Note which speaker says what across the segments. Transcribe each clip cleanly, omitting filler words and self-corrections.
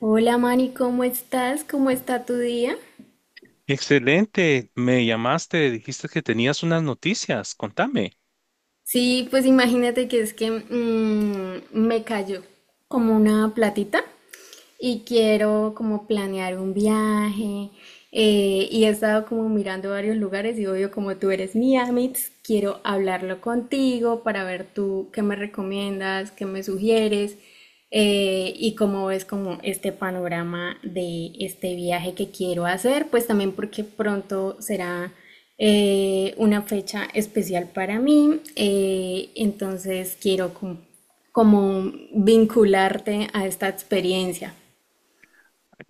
Speaker 1: Hola Mari, ¿cómo estás? ¿Cómo está tu día?
Speaker 2: Excelente, me llamaste, dijiste que tenías unas noticias, contame.
Speaker 1: Sí, pues imagínate que es que me cayó como una platita y quiero como planear un viaje. Y he estado como mirando varios lugares y obvio como tú eres mi Amitz, quiero hablarlo contigo para ver tú qué me recomiendas, qué me sugieres. Y cómo ves como este panorama de este viaje que quiero hacer, pues también porque pronto será una fecha especial para mí, entonces quiero como vincularte a esta experiencia.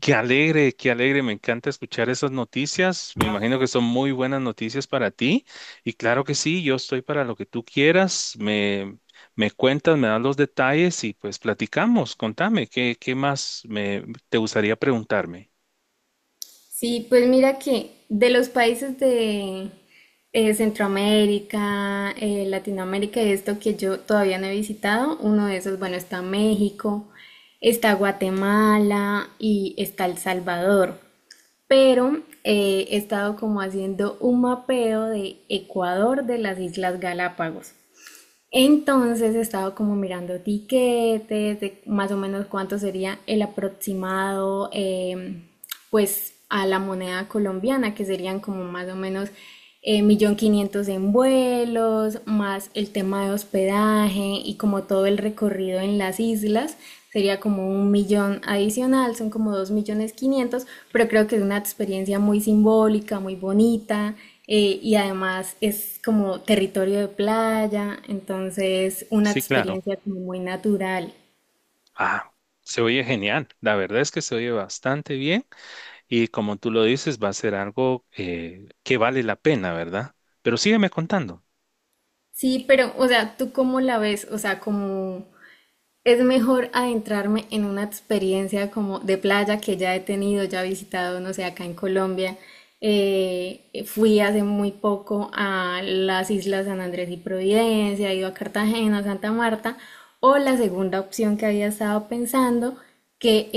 Speaker 2: Qué alegre, me encanta escuchar esas noticias, me imagino que son muy buenas noticias para ti y claro que sí, yo estoy para lo que tú quieras, me cuentas, me das los detalles y pues platicamos, contame, ¿ qué más te gustaría preguntarme?
Speaker 1: Sí, pues mira que de los países de Centroamérica, Latinoamérica y esto que yo todavía no he visitado, uno de esos, bueno, está México, está Guatemala y está El Salvador. Pero he estado como haciendo un mapeo de Ecuador de las Islas Galápagos. Entonces he estado como mirando tiquetes, de más o menos cuánto sería el aproximado, pues a la moneda colombiana, que serían como más o menos 1.500.000 en vuelos, más el tema de hospedaje y como todo el recorrido en las islas, sería como un millón adicional, son como dos millones quinientos, pero creo que es una experiencia muy simbólica, muy bonita y además es como territorio de playa, entonces una
Speaker 2: Sí, claro.
Speaker 1: experiencia como muy natural.
Speaker 2: Ah, se oye genial, la verdad es que se oye bastante bien. Y como tú lo dices, va a ser algo que vale la pena, ¿verdad? Pero sígueme contando.
Speaker 1: Sí, pero, o sea, ¿tú cómo la ves? O sea, como es mejor adentrarme en una experiencia como de playa que ya he tenido, ya he visitado, no sé, acá en Colombia. Fui hace muy poco a las islas San Andrés y Providencia, he ido a Cartagena, Santa Marta, o la segunda opción que había estado pensando, que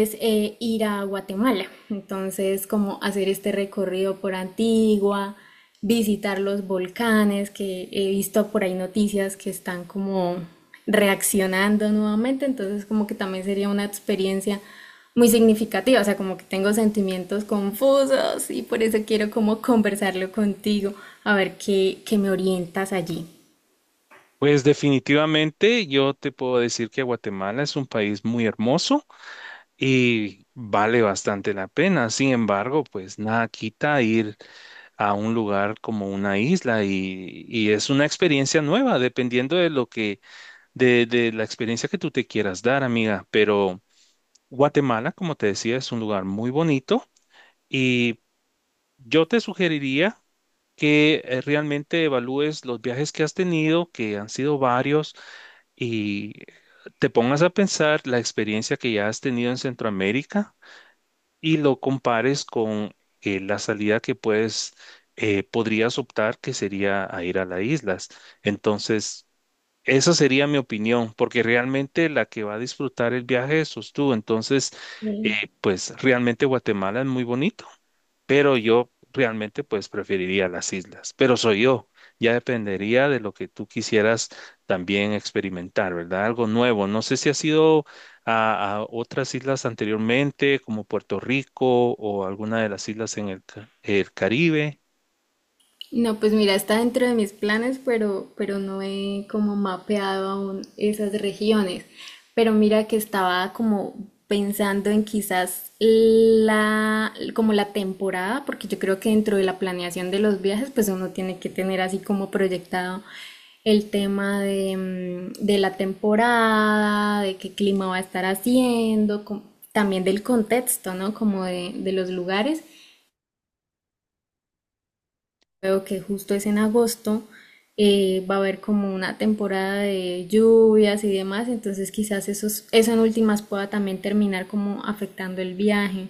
Speaker 1: es ir a Guatemala. Entonces, como hacer este recorrido por Antigua, visitar los volcanes, que he visto por ahí noticias que están como reaccionando nuevamente, entonces como que también sería una experiencia muy significativa, o sea, como que tengo sentimientos confusos y por eso quiero como conversarlo contigo, a ver qué me orientas allí.
Speaker 2: Pues definitivamente yo te puedo decir que Guatemala es un país muy hermoso y vale bastante la pena. Sin embargo, pues nada quita ir a un lugar como una isla y es una experiencia nueva, dependiendo de de la experiencia que tú te quieras dar, amiga. Pero Guatemala, como te decía, es un lugar muy bonito y yo te sugeriría que realmente evalúes los viajes que has tenido, que han sido varios, y te pongas a pensar la experiencia que ya has tenido en Centroamérica y lo compares con la podrías optar, que sería a ir a las islas. Entonces, esa sería mi opinión, porque realmente la que va a disfrutar el viaje sos tú. Entonces, eh,
Speaker 1: Sí.
Speaker 2: pues realmente Guatemala es muy bonito, pero yo realmente pues preferiría las islas, pero soy yo. Ya dependería de lo que tú quisieras también experimentar, ¿verdad? Algo nuevo. No sé si has ido a otras islas anteriormente, como Puerto Rico o alguna de las islas en el Caribe.
Speaker 1: No, pues mira, está dentro de mis planes, pero no he como mapeado aún esas regiones. Pero mira que estaba como pensando en quizás como la temporada, porque yo creo que dentro de la planeación de los viajes, pues uno tiene que tener así como proyectado el tema de la temporada, de qué clima va a estar haciendo, también del contexto, ¿no? Como de los lugares, veo que justo es en agosto, va a haber como una temporada de lluvias y demás, entonces quizás eso en últimas pueda también terminar como afectando el viaje.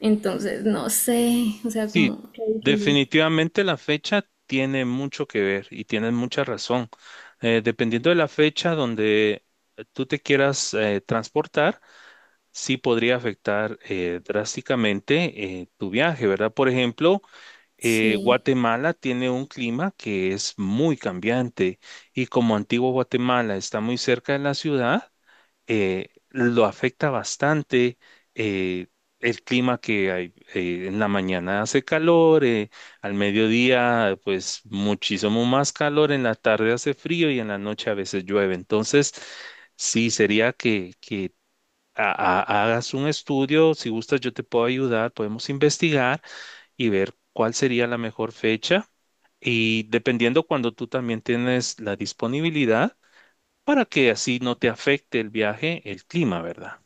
Speaker 1: Entonces, no sé, o sea,
Speaker 2: Sí,
Speaker 1: como qué difícil.
Speaker 2: definitivamente la fecha tiene mucho que ver y tienes mucha razón. Dependiendo de la fecha donde tú te quieras transportar, sí podría afectar drásticamente tu viaje, ¿verdad? Por ejemplo,
Speaker 1: Sí.
Speaker 2: Guatemala tiene un clima que es muy cambiante y como antiguo Guatemala está muy cerca de la ciudad, lo afecta bastante eh, el clima que hay. En la mañana hace calor, al mediodía pues muchísimo más calor, en la tarde hace frío y en la noche a veces llueve. Entonces, sí, sería que ha- hagas un estudio, si gustas yo te puedo ayudar, podemos investigar y ver cuál sería la mejor fecha. Y dependiendo cuando tú también tienes la disponibilidad, para que así no te afecte el viaje, el clima, ¿verdad?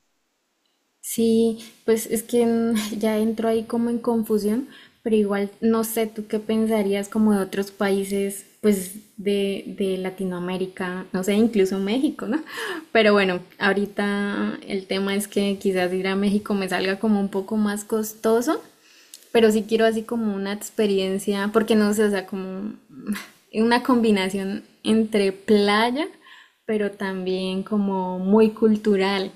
Speaker 1: Sí, pues es que ya entro ahí como en confusión, pero igual no sé tú qué pensarías como de otros países, pues de Latinoamérica, no sé, incluso México, ¿no? Pero bueno, ahorita el tema es que quizás ir a México me salga como un poco más costoso, pero sí quiero así como una experiencia, porque no sé, o sea, como una combinación entre playa, pero también como muy cultural.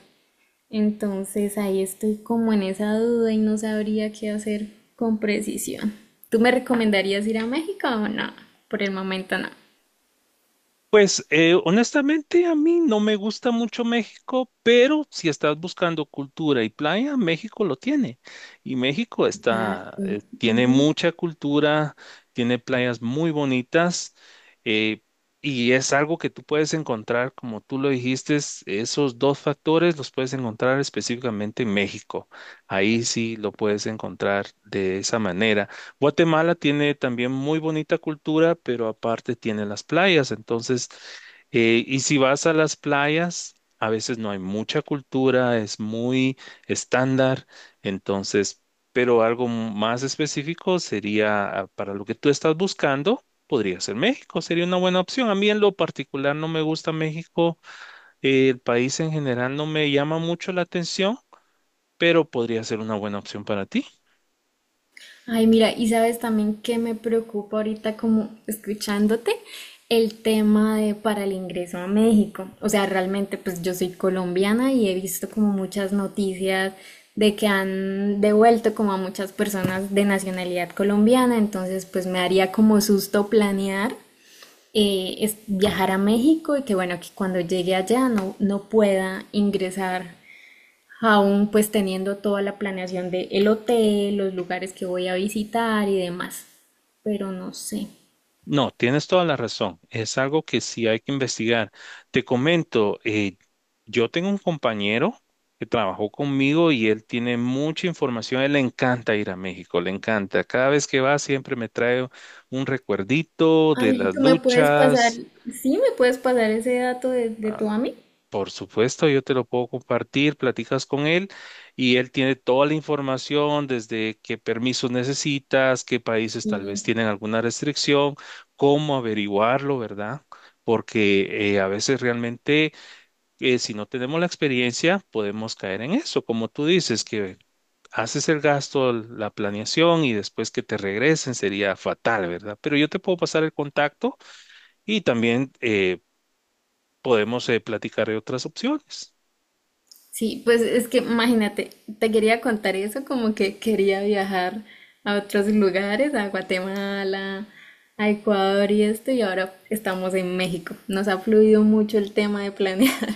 Speaker 1: Entonces ahí estoy como en esa duda y no sabría qué hacer con precisión. ¿Tú me recomendarías ir a México o no? Por el momento no.
Speaker 2: Pues honestamente a mí no me gusta mucho México, pero si estás buscando cultura y playa, México lo tiene. Y México está,
Speaker 1: Exacto.
Speaker 2: eh, tiene mucha cultura, tiene playas muy bonitas, eh, y es algo que tú puedes encontrar, como tú lo dijiste, esos dos factores los puedes encontrar específicamente en México. Ahí sí lo puedes encontrar de esa manera. Guatemala tiene también muy bonita cultura, pero aparte tiene las playas. Entonces, y si vas a las playas, a veces no hay mucha cultura, es muy estándar. Entonces, pero algo más específico sería, ah, para lo que tú estás buscando. Podría ser México, sería una buena opción. A mí en lo particular no me gusta México, el país en general no me llama mucho la atención, pero podría ser una buena opción para ti.
Speaker 1: Ay, mira, y sabes también que me preocupa ahorita como escuchándote el tema de para el ingreso a México. O sea, realmente pues yo soy colombiana y he visto como muchas noticias de que han devuelto como a muchas personas de nacionalidad colombiana, entonces pues me haría como susto planear es viajar a México y que bueno, que cuando llegue allá no, no pueda ingresar aún pues teniendo toda la planeación de el hotel, los lugares que voy a visitar y demás. Pero no sé.
Speaker 2: No, tienes toda la razón. Es algo que sí hay que investigar. Te comento, yo tengo un compañero que trabajó conmigo y él tiene mucha información. Él le encanta ir a México, le encanta. Cada vez que va siempre me trae un recuerdito de
Speaker 1: Ali,
Speaker 2: las
Speaker 1: ¿tú me puedes pasar?
Speaker 2: luchas.
Speaker 1: Sí, ¿me puedes pasar ese dato de tu amigo?
Speaker 2: Por supuesto, yo te lo puedo compartir, platicas con él y él tiene toda la información desde qué permisos necesitas, qué países tal vez
Speaker 1: Sí.
Speaker 2: tienen alguna restricción, cómo averiguarlo, ¿verdad? Porque a veces realmente, si no tenemos la experiencia podemos caer en eso, como tú dices, que haces el gasto, la planeación y después que te regresen sería fatal, ¿verdad? Pero yo te puedo pasar el contacto y también podemos platicar de otras opciones.
Speaker 1: Sí, pues es que imagínate, te quería contar eso, como que quería viajar a otros lugares, a Guatemala, a Ecuador y esto, y ahora estamos en México. Nos ha fluido mucho el tema de planear.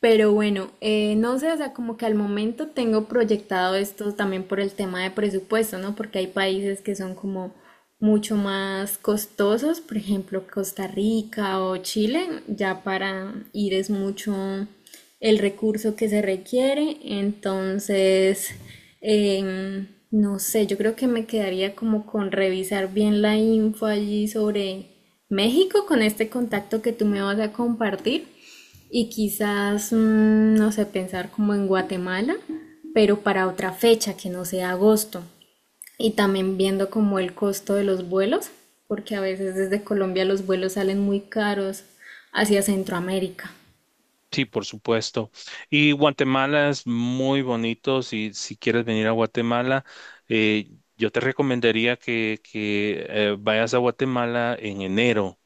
Speaker 1: Pero bueno, no sé, o sea, como que al momento tengo proyectado esto también por el tema de presupuesto, ¿no? Porque hay países que son como mucho más costosos, por ejemplo, Costa Rica o Chile, ya para ir es mucho el recurso que se requiere, entonces, no sé, yo creo que me quedaría como con revisar bien la info allí sobre México con este contacto que tú me vas a compartir y quizás, no sé, pensar como en Guatemala, pero para otra fecha que no sea agosto. Y también viendo como el costo de los vuelos, porque a veces desde Colombia los vuelos salen muy caros hacia Centroamérica.
Speaker 2: Sí, por supuesto. Y Guatemala es muy bonito. Si quieres venir a Guatemala, eh, yo te recomendaría que vayas a Guatemala en enero.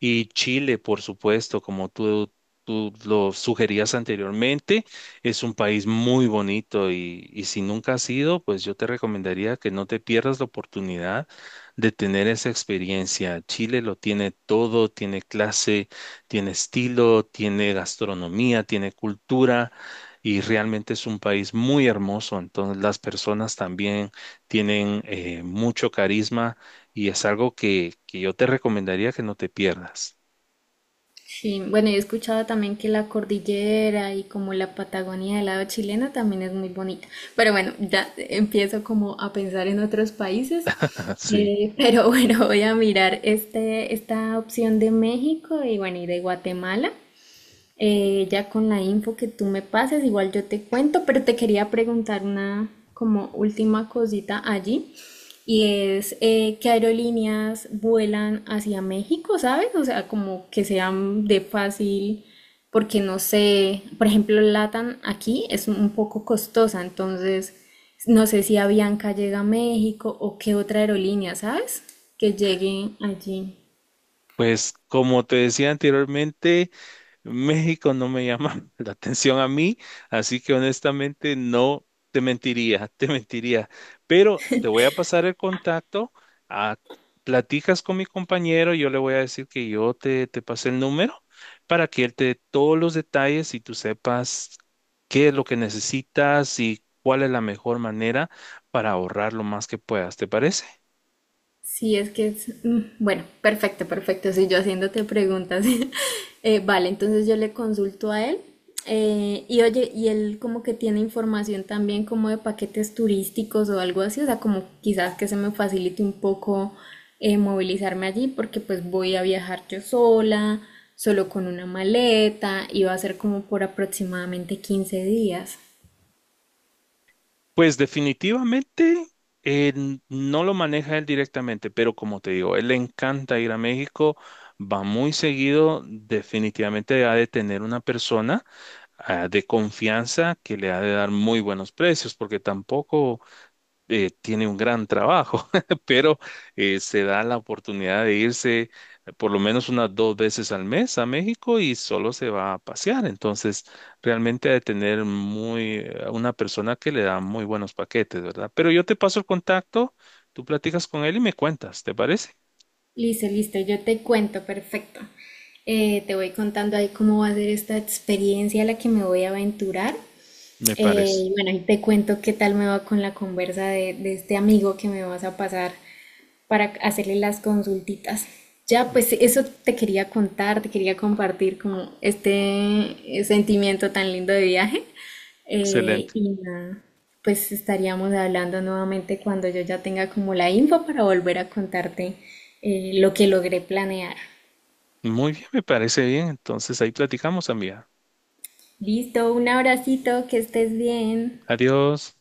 Speaker 2: Y Chile, por supuesto, como tú lo sugerías anteriormente, es un país muy bonito y si nunca has ido, pues yo te recomendaría que no te pierdas la oportunidad de tener esa experiencia. Chile lo tiene todo, tiene clase, tiene estilo, tiene gastronomía, tiene cultura. Y realmente es un país muy hermoso, entonces las personas también tienen mucho carisma y es algo que yo te recomendaría que no te pierdas.
Speaker 1: Sí, bueno, yo he escuchado también que la cordillera y como la Patagonia del lado chileno también es muy bonita. Pero bueno, ya empiezo como a pensar en otros países.
Speaker 2: Sí.
Speaker 1: Pero bueno, voy a mirar esta opción de México y bueno, y de Guatemala. Ya con la info que tú me pases, igual yo te cuento, pero te quería preguntar una como última cosita allí. Y es ¿qué aerolíneas vuelan hacia México, sabes? O sea, como que sean de fácil, porque no sé, por ejemplo, Latam aquí es un poco costosa, entonces no sé si Avianca llega a México o qué otra aerolínea, ¿sabes? Que llegue allí.
Speaker 2: Pues como te decía anteriormente, México no me llama la atención a mí, así que honestamente no te mentiría, te mentiría. Pero te voy a pasar el contacto, ah, platicas con mi compañero, yo le voy a decir que yo te pasé el número para que él te dé todos los detalles y tú sepas qué es lo que necesitas y cuál es la mejor manera para ahorrar lo más que puedas. ¿Te parece?
Speaker 1: Sí, es que es, bueno, perfecto, perfecto. Si yo haciéndote preguntas. Vale, entonces yo le consulto a él. Y oye, y él como que tiene información también como de paquetes turísticos o algo así. O sea, como quizás que se me facilite un poco movilizarme allí porque pues voy a viajar yo sola, solo con una maleta y va a ser como por aproximadamente 15 días.
Speaker 2: Pues definitivamente no lo maneja él directamente, pero como te digo, él le encanta ir a México, va muy seguido, definitivamente ha de tener una persona ah, de confianza que le ha de dar muy buenos precios, porque tampoco tiene un gran trabajo, pero se da la oportunidad de irse por lo menos unas dos veces al mes a México y solo se va a pasear. Entonces, realmente ha de tener una persona que le da muy buenos paquetes, ¿verdad? Pero yo te paso el contacto, tú platicas con él y me cuentas, ¿te parece?
Speaker 1: Listo, listo, yo te cuento, perfecto. Te voy contando ahí cómo va a ser esta experiencia a la que me voy a aventurar.
Speaker 2: Me
Speaker 1: Eh,
Speaker 2: parece.
Speaker 1: y bueno, ahí te cuento qué tal me va con la conversa de este amigo que me vas a pasar para hacerle las consultitas. Ya, pues eso te quería contar, te quería compartir como este sentimiento tan lindo de viaje. Eh,
Speaker 2: Excelente.
Speaker 1: y nada, pues estaríamos hablando nuevamente cuando yo ya tenga como la info para volver a contarte lo que logré planear.
Speaker 2: Muy bien, me parece bien. Entonces, ahí platicamos, amiga.
Speaker 1: Listo, un abracito, que estés bien.
Speaker 2: Adiós.